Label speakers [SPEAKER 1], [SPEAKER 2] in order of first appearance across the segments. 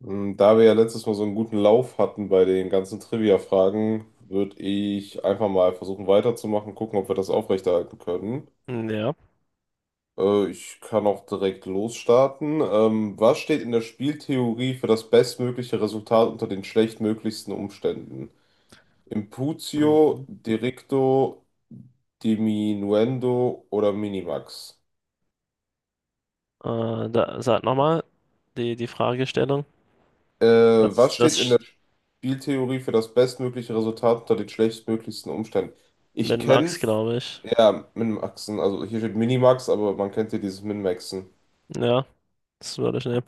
[SPEAKER 1] Da wir ja letztes Mal so einen guten Lauf hatten bei den ganzen Trivia-Fragen, würde ich einfach mal versuchen weiterzumachen, gucken, ob wir das aufrechterhalten können.
[SPEAKER 2] Ja.
[SPEAKER 1] Ich kann auch direkt losstarten. Was steht in der Spieltheorie für das bestmögliche Resultat unter den schlechtmöglichsten Umständen? Imputio,
[SPEAKER 2] Mhm.
[SPEAKER 1] Directo, Diminuendo oder Minimax?
[SPEAKER 2] Sag nochmal die Fragestellung. Das,
[SPEAKER 1] Was
[SPEAKER 2] das
[SPEAKER 1] steht in
[SPEAKER 2] sch-
[SPEAKER 1] der Spieltheorie für das bestmögliche Resultat unter den schlechtmöglichsten Umständen? Ich
[SPEAKER 2] mit
[SPEAKER 1] kenne
[SPEAKER 2] Max, glaube ich.
[SPEAKER 1] Ja, Minmaxen. Also hier steht Minimax, aber man kennt hier dieses Minmaxen.
[SPEAKER 2] Ja, das würde ich nehmen.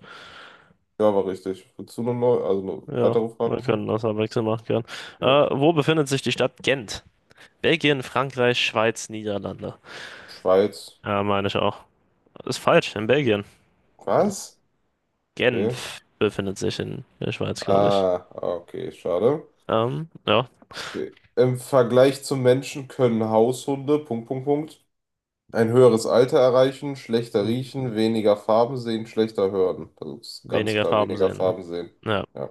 [SPEAKER 1] Ja, war richtig. Willst du noch neu? Also eine
[SPEAKER 2] Ja,
[SPEAKER 1] weitere Frage
[SPEAKER 2] wir
[SPEAKER 1] machen?
[SPEAKER 2] können das abwechselnd machen können. Äh,
[SPEAKER 1] Ja.
[SPEAKER 2] Wo befindet sich die Stadt Gent? Belgien, Frankreich, Schweiz, Niederlande.
[SPEAKER 1] Schweiz.
[SPEAKER 2] Ja, meine ich auch. Ist falsch, in Belgien. Hm.
[SPEAKER 1] Was? Okay.
[SPEAKER 2] Genf befindet sich in der Schweiz, glaube ich.
[SPEAKER 1] Ah, okay, schade.
[SPEAKER 2] Ja.
[SPEAKER 1] Okay. Im Vergleich zum Menschen können Haushunde, Punkt, Punkt, Punkt, ein höheres Alter erreichen, schlechter
[SPEAKER 2] Mhm.
[SPEAKER 1] riechen, weniger Farben sehen, schlechter hören. Also, das ist ganz
[SPEAKER 2] Weniger
[SPEAKER 1] klar,
[SPEAKER 2] Farben
[SPEAKER 1] weniger
[SPEAKER 2] sehen, ne?
[SPEAKER 1] Farben sehen.
[SPEAKER 2] Ja.
[SPEAKER 1] Ja,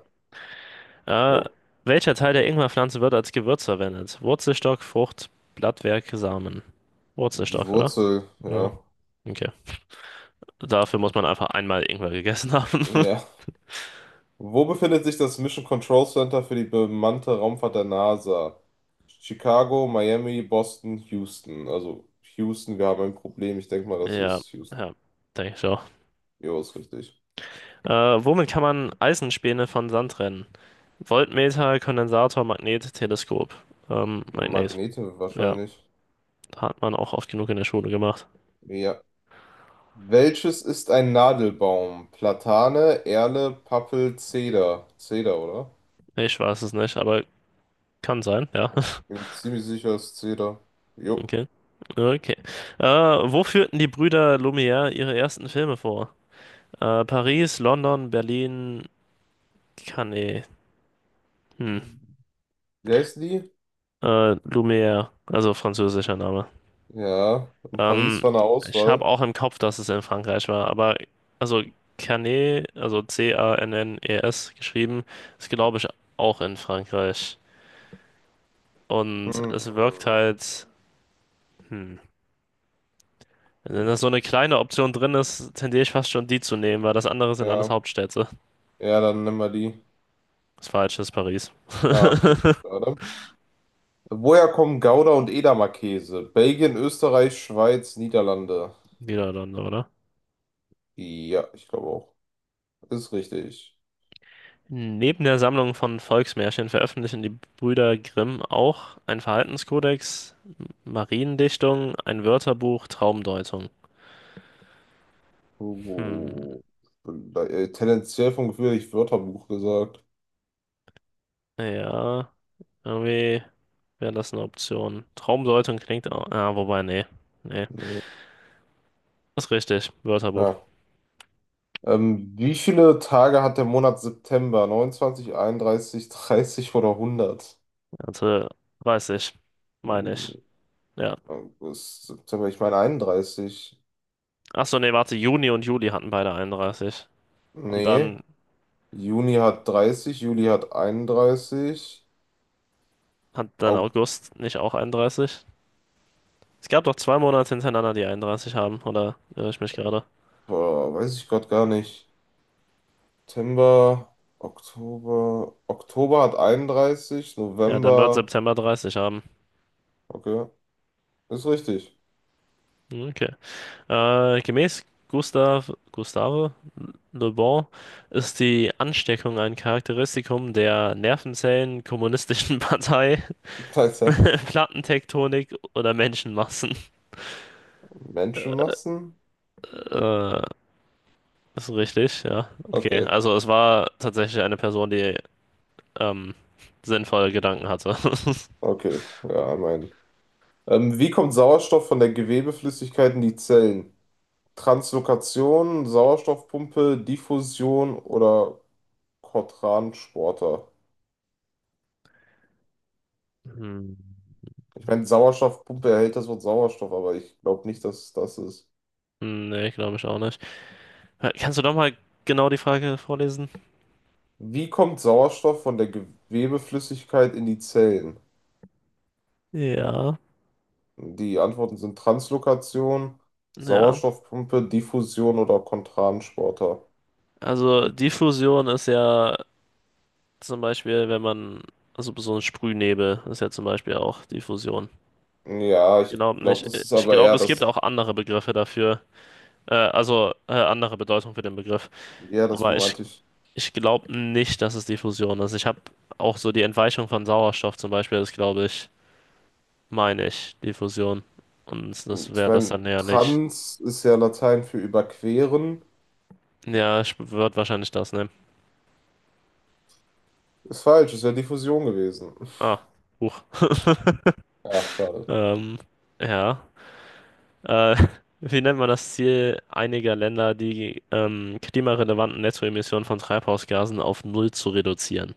[SPEAKER 2] Äh,
[SPEAKER 1] jo.
[SPEAKER 2] welcher Teil der Ingwerpflanze wird als Gewürz verwendet? Wurzelstock, Frucht, Blattwerk, Samen.
[SPEAKER 1] Die
[SPEAKER 2] Wurzelstock, oder?
[SPEAKER 1] Wurzel,
[SPEAKER 2] Ja,
[SPEAKER 1] ja.
[SPEAKER 2] okay. Dafür muss man einfach einmal Ingwer gegessen haben.
[SPEAKER 1] Ja. Wo befindet sich das Mission Control Center für die bemannte Raumfahrt der NASA? Chicago, Miami, Boston, Houston. Also Houston, wir haben ein Problem. Ich denke mal, das
[SPEAKER 2] Ja,
[SPEAKER 1] ist Houston.
[SPEAKER 2] ja, denke ich auch.
[SPEAKER 1] Jo, ist richtig.
[SPEAKER 2] Womit kann man Eisenspäne von Sand trennen? Voltmeter, Kondensator, Magnet, Teleskop.
[SPEAKER 1] Ja,
[SPEAKER 2] Magnet.
[SPEAKER 1] Magnete
[SPEAKER 2] Ja,
[SPEAKER 1] wahrscheinlich.
[SPEAKER 2] hat man auch oft genug in der Schule gemacht.
[SPEAKER 1] Ja. Welches ist ein Nadelbaum? Platane, Erle, Pappel, Zeder. Zeder, oder?
[SPEAKER 2] Ich weiß es nicht, aber kann sein, ja.
[SPEAKER 1] Ich bin mir ziemlich sicher, es ist Zeder. Jo.
[SPEAKER 2] Okay. Okay. Wo führten die Brüder Lumière ihre ersten Filme vor? Paris, London, Berlin, Cannes, hm,
[SPEAKER 1] Wie heißt die?
[SPEAKER 2] Lumière, also französischer Name.
[SPEAKER 1] Ja. In Paris
[SPEAKER 2] Ähm,
[SPEAKER 1] war eine
[SPEAKER 2] ich habe
[SPEAKER 1] Auswahl.
[SPEAKER 2] auch im Kopf, dass es in Frankreich war, aber also Cannes, also C-A-N-N-E-S geschrieben, ist glaube ich auch in Frankreich. Und
[SPEAKER 1] Hm.
[SPEAKER 2] es wirkt halt, hm, wenn da so eine kleine Option drin ist, tendiere ich fast schon die zu nehmen, weil das andere sind alles
[SPEAKER 1] Ja.
[SPEAKER 2] Hauptstädte.
[SPEAKER 1] Ja, dann nehmen wir die.
[SPEAKER 2] Das falsche ist Paris,
[SPEAKER 1] Ja, okay. Schade. Woher kommen Gouda und Edamer Käse? Belgien, Österreich, Schweiz, Niederlande.
[SPEAKER 2] Niederlande, oder?
[SPEAKER 1] Ja, ich glaube auch. Ist richtig.
[SPEAKER 2] Neben der Sammlung von Volksmärchen veröffentlichen die Brüder Grimm auch einen Verhaltenskodex, Mariendichtung, ein Wörterbuch, Traumdeutung. Hm,
[SPEAKER 1] Uh, tendenziell vom Gefühl, ich Wörterbuch gesagt.
[SPEAKER 2] ja, irgendwie wäre das eine Option. Traumdeutung klingt auch, ah, wobei, nee, nee,
[SPEAKER 1] Nee.
[SPEAKER 2] ist richtig, Wörterbuch.
[SPEAKER 1] Ja. Wie viele Tage hat der Monat September? 29, 31, 30 oder 100?
[SPEAKER 2] Hatte 30, meine
[SPEAKER 1] Hm,
[SPEAKER 2] ich, ja.
[SPEAKER 1] August, September, ich meine 31.
[SPEAKER 2] Achso, nee, warte, Juni und Juli hatten beide 31. Und
[SPEAKER 1] Nee.
[SPEAKER 2] dann
[SPEAKER 1] Juni hat 30, Juli hat 31.
[SPEAKER 2] hat dann August nicht auch 31? Es gab doch zwei Monate hintereinander, die 31 haben, oder irre ich mich gerade?
[SPEAKER 1] Boah, weiß ich gerade gar nicht. September, Oktober. Oktober hat 31,
[SPEAKER 2] Ja, dann wird
[SPEAKER 1] November.
[SPEAKER 2] September 30 haben.
[SPEAKER 1] Okay, ist richtig.
[SPEAKER 2] Okay. Gemäß Gustav, Gustave Le Bon ist die Ansteckung ein Charakteristikum der Nervenzellen, kommunistischen Partei,
[SPEAKER 1] Alter,
[SPEAKER 2] Plattentektonik oder Menschenmassen.
[SPEAKER 1] Menschenmassen?
[SPEAKER 2] Äh, ist richtig, ja. Okay,
[SPEAKER 1] Okay,
[SPEAKER 2] also es war tatsächlich eine Person, die ähm, sinnvolle Gedanken hatte.
[SPEAKER 1] okay. Ja, mein. Wie kommt Sauerstoff von der Gewebeflüssigkeit in die Zellen? Translokation, Sauerstoffpumpe, Diffusion oder Cotransporter?
[SPEAKER 2] Hm.
[SPEAKER 1] Ich meine, Sauerstoffpumpe erhält das Wort Sauerstoff, aber ich glaube nicht, dass es das ist.
[SPEAKER 2] Nee, glaube ich auch nicht. Kannst du doch mal genau die Frage vorlesen?
[SPEAKER 1] Wie kommt Sauerstoff von der Gewebeflüssigkeit in die Zellen?
[SPEAKER 2] Ja.
[SPEAKER 1] Die Antworten sind Translokation,
[SPEAKER 2] Ja.
[SPEAKER 1] Sauerstoffpumpe, Diffusion oder Kontransporter.
[SPEAKER 2] Also Diffusion ist ja zum Beispiel, wenn man, also so ein Sprühnebel ist ja zum Beispiel auch Diffusion.
[SPEAKER 1] Ja, ich
[SPEAKER 2] Genau
[SPEAKER 1] glaube,
[SPEAKER 2] nicht.
[SPEAKER 1] das ist
[SPEAKER 2] Ich
[SPEAKER 1] aber
[SPEAKER 2] glaube,
[SPEAKER 1] eher
[SPEAKER 2] es gibt
[SPEAKER 1] das.
[SPEAKER 2] auch andere Begriffe dafür, andere Bedeutung für den Begriff.
[SPEAKER 1] Ja, das
[SPEAKER 2] Aber ich,
[SPEAKER 1] meinte ich.
[SPEAKER 2] ich glaube nicht, dass es Diffusion ist. Ich habe auch so die Entweichung von Sauerstoff zum Beispiel, das glaube ich, meine ich, Diffusion. Und das
[SPEAKER 1] Ich
[SPEAKER 2] wäre das
[SPEAKER 1] meine,
[SPEAKER 2] dann ja nicht.
[SPEAKER 1] trans ist ja Latein für überqueren.
[SPEAKER 2] Ja, ich würde wahrscheinlich das nehmen.
[SPEAKER 1] Ist falsch, ist ja Diffusion gewesen.
[SPEAKER 2] Ah, Huch.
[SPEAKER 1] Ja, schade.
[SPEAKER 2] Ähm, ja. Äh, wie nennt man das Ziel einiger Länder, die klimarelevanten Nettoemissionen von Treibhausgasen auf Null zu reduzieren?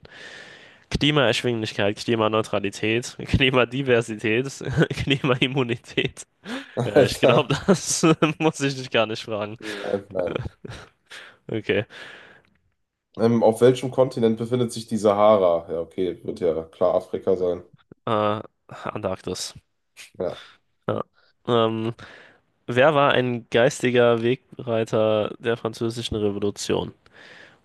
[SPEAKER 2] Klimaerschwinglichkeit, Klimaneutralität, Klimadiversität, Klimaimmunität. Ja, ich
[SPEAKER 1] Alter.
[SPEAKER 2] glaube, das muss ich dich gar nicht fragen.
[SPEAKER 1] Nein, nein.
[SPEAKER 2] Okay.
[SPEAKER 1] Auf welchem Kontinent befindet sich die Sahara? Ja, okay, wird ja klar Afrika sein.
[SPEAKER 2] Äh, Antarktis.
[SPEAKER 1] Ja,
[SPEAKER 2] Ja. Ähm, wer war ein geistiger Wegbereiter der Französischen Revolution?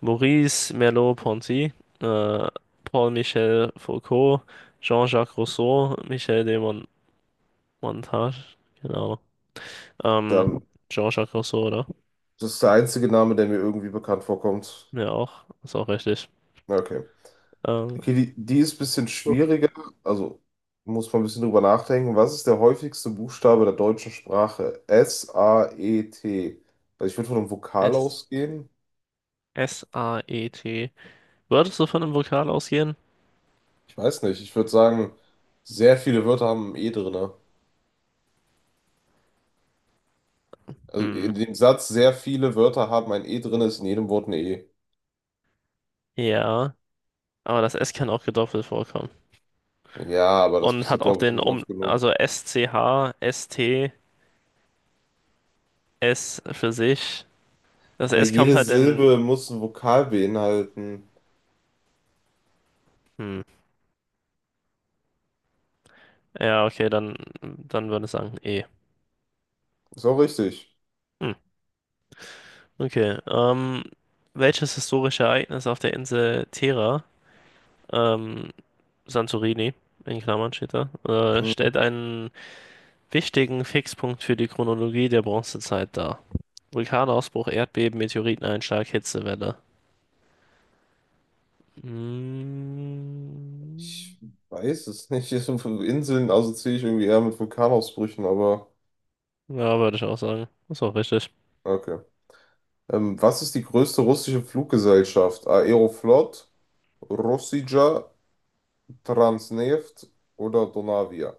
[SPEAKER 2] Maurice Merleau-Ponty, äh, Paul-Michel Foucault, Jean-Jacques Rousseau, Michel de Mon Montage, genau. Ähm,
[SPEAKER 1] dann.
[SPEAKER 2] Jean-Jacques Rousseau, oder?
[SPEAKER 1] Das ist der einzige Name, der mir irgendwie bekannt vorkommt.
[SPEAKER 2] Ja, auch. Ist auch richtig.
[SPEAKER 1] Na, okay.
[SPEAKER 2] Ähm,
[SPEAKER 1] Okay, die ist ein bisschen
[SPEAKER 2] Oh.
[SPEAKER 1] schwieriger. Also muss man ein bisschen drüber nachdenken. Was ist der häufigste Buchstabe der deutschen Sprache? S-A-E-T. Also ich würde von einem Vokal
[SPEAKER 2] S
[SPEAKER 1] ausgehen.
[SPEAKER 2] S-A-E-T. Würdest du von einem Vokal ausgehen?
[SPEAKER 1] Ich weiß nicht. Ich würde sagen, sehr viele Wörter haben ein E drin. Also
[SPEAKER 2] Hm,
[SPEAKER 1] in dem Satz, sehr viele Wörter haben ein E drin, ist in jedem Wort ein E.
[SPEAKER 2] ja. Aber das S kann auch gedoppelt vorkommen.
[SPEAKER 1] Ja, aber das
[SPEAKER 2] Und hat
[SPEAKER 1] passiert,
[SPEAKER 2] auch
[SPEAKER 1] glaube ich,
[SPEAKER 2] den
[SPEAKER 1] nicht
[SPEAKER 2] Um,
[SPEAKER 1] oft genug.
[SPEAKER 2] also S-C-H, S-T, S T, S für sich. Das
[SPEAKER 1] Aber
[SPEAKER 2] S kommt
[SPEAKER 1] jede
[SPEAKER 2] halt in.
[SPEAKER 1] Silbe muss ein Vokal beinhalten.
[SPEAKER 2] Hm. Ja, okay, dann würde ich sagen E.
[SPEAKER 1] Ist auch richtig.
[SPEAKER 2] Hm, okay. Welches historische Ereignis auf der Insel Terra, ähm, Santorini, in Klammern steht da,
[SPEAKER 1] Mhm.
[SPEAKER 2] stellt einen wichtigen Fixpunkt für die Chronologie der Bronzezeit dar? Vulkanausbruch, Erdbeben, Meteoriteneinschlag, Hitzewelle. Hm,
[SPEAKER 1] Ich weiß es nicht. Hier sind fünf Inseln assoziiere ich irgendwie eher mit Vulkanausbrüchen, aber
[SPEAKER 2] ja, würde ich auch sagen. Ist auch richtig.
[SPEAKER 1] okay. Was ist die größte russische Fluggesellschaft? Aeroflot, Rossija, Transneft oder Donavia?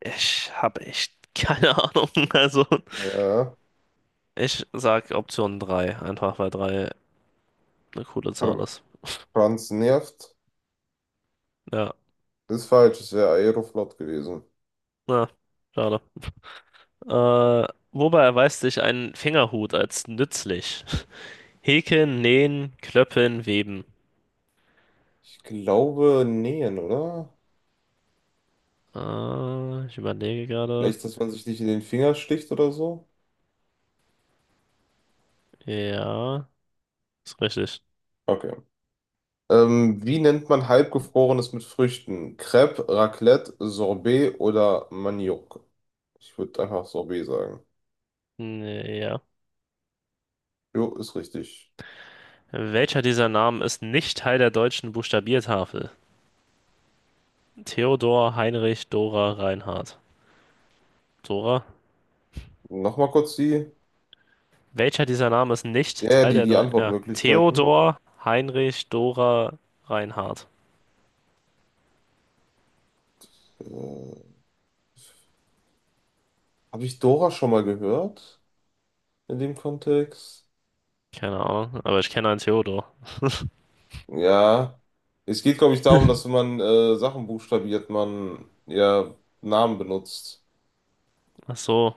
[SPEAKER 2] Ich habe echt keine Ahnung. Also,
[SPEAKER 1] Ja,
[SPEAKER 2] ich sag Option 3, einfach weil 3 eine coole
[SPEAKER 1] Tr
[SPEAKER 2] Zahl ist.
[SPEAKER 1] Transneft
[SPEAKER 2] Ja,
[SPEAKER 1] ist falsch, es wäre Aeroflot gewesen.
[SPEAKER 2] na, schade. Wobei erweist sich ein Fingerhut als nützlich? Häkeln, nähen, klöppeln, weben.
[SPEAKER 1] Ich glaube, nähen, oder?
[SPEAKER 2] Ich überlege gerade.
[SPEAKER 1] Vielleicht, dass man sich nicht in den Finger sticht oder so?
[SPEAKER 2] Ja, ist richtig.
[SPEAKER 1] Okay. Wie nennt man halbgefrorenes mit Früchten? Crêpe, Raclette, Sorbet oder Maniok? Ich würde einfach Sorbet sagen.
[SPEAKER 2] Nee, Ja.
[SPEAKER 1] Jo, ist richtig.
[SPEAKER 2] Welcher dieser Namen ist nicht Teil der deutschen Buchstabiertafel? Theodor, Heinrich, Dora, Reinhard. Dora?
[SPEAKER 1] Nochmal kurz die,
[SPEAKER 2] Welcher dieser Namen ist nicht
[SPEAKER 1] ja, ja,
[SPEAKER 2] Teil
[SPEAKER 1] die,
[SPEAKER 2] der
[SPEAKER 1] die
[SPEAKER 2] deutschen... Ja.
[SPEAKER 1] Antwortmöglichkeiten.
[SPEAKER 2] Theodor, Heinrich, Dora, Reinhard.
[SPEAKER 1] Äh, Habe ich Dora schon mal gehört in dem Kontext?
[SPEAKER 2] Keine Ahnung, aber ich kenne einen Theodor.
[SPEAKER 1] Ja, es geht, glaube ich, darum, dass wenn man Sachen buchstabiert, man ja Namen benutzt.
[SPEAKER 2] Ach so.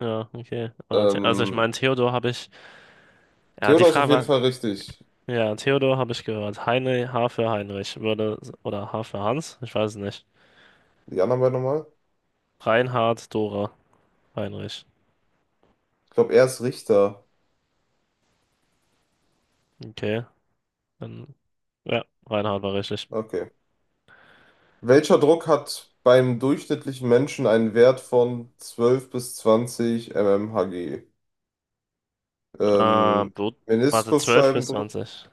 [SPEAKER 2] Ja, okay. Also ich
[SPEAKER 1] Ähm,
[SPEAKER 2] meine, Theodor habe ich. Ja, die
[SPEAKER 1] Theodor ist
[SPEAKER 2] Frage
[SPEAKER 1] auf jeden
[SPEAKER 2] war.
[SPEAKER 1] Fall richtig.
[SPEAKER 2] Ja, Theodor habe ich gehört. Heinrich H für Heinrich würde. Oder H für Hans? Ich weiß es nicht.
[SPEAKER 1] Die anderen beiden nochmal?
[SPEAKER 2] Reinhard, Dora, Heinrich.
[SPEAKER 1] Ich glaube, er ist Richter.
[SPEAKER 2] Okay. Dann, ja, Reinhard war richtig.
[SPEAKER 1] Okay. Welcher Druck hat beim durchschnittlichen Menschen einen Wert von 12 bis 20 mmHg? Ähm,
[SPEAKER 2] Blut. Warte, zwölf bis
[SPEAKER 1] Meniskusscheibendruck,
[SPEAKER 2] zwanzig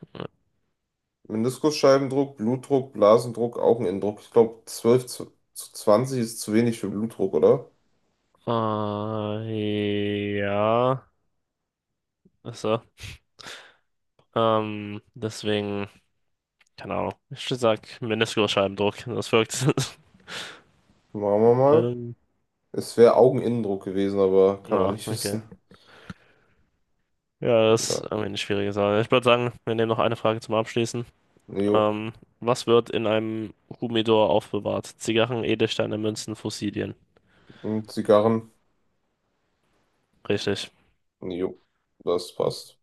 [SPEAKER 1] Meniskusscheibendruck, Blutdruck, Blasendruck, Augeninnendruck. Ich glaube, 12 zu 20 ist zu wenig für Blutdruck, oder?
[SPEAKER 2] Ja. Achso. Deswegen, keine Ahnung. Ich sag Meniskusscheibendruck. Das wirkt.
[SPEAKER 1] Machen wir mal.
[SPEAKER 2] Ähm,
[SPEAKER 1] Es wäre Augeninnendruck gewesen, aber kann man
[SPEAKER 2] ja,
[SPEAKER 1] nicht
[SPEAKER 2] okay.
[SPEAKER 1] wissen.
[SPEAKER 2] Ja, das ist
[SPEAKER 1] Ja.
[SPEAKER 2] irgendwie eine schwierige Sache. Ich würde sagen, wir nehmen noch eine Frage zum Abschließen.
[SPEAKER 1] Jo.
[SPEAKER 2] Ähm, was wird in einem Humidor aufbewahrt? Zigarren, Edelsteine, Münzen, Fossilien.
[SPEAKER 1] Und Zigarren?
[SPEAKER 2] Richtig.
[SPEAKER 1] Jo. Das passt.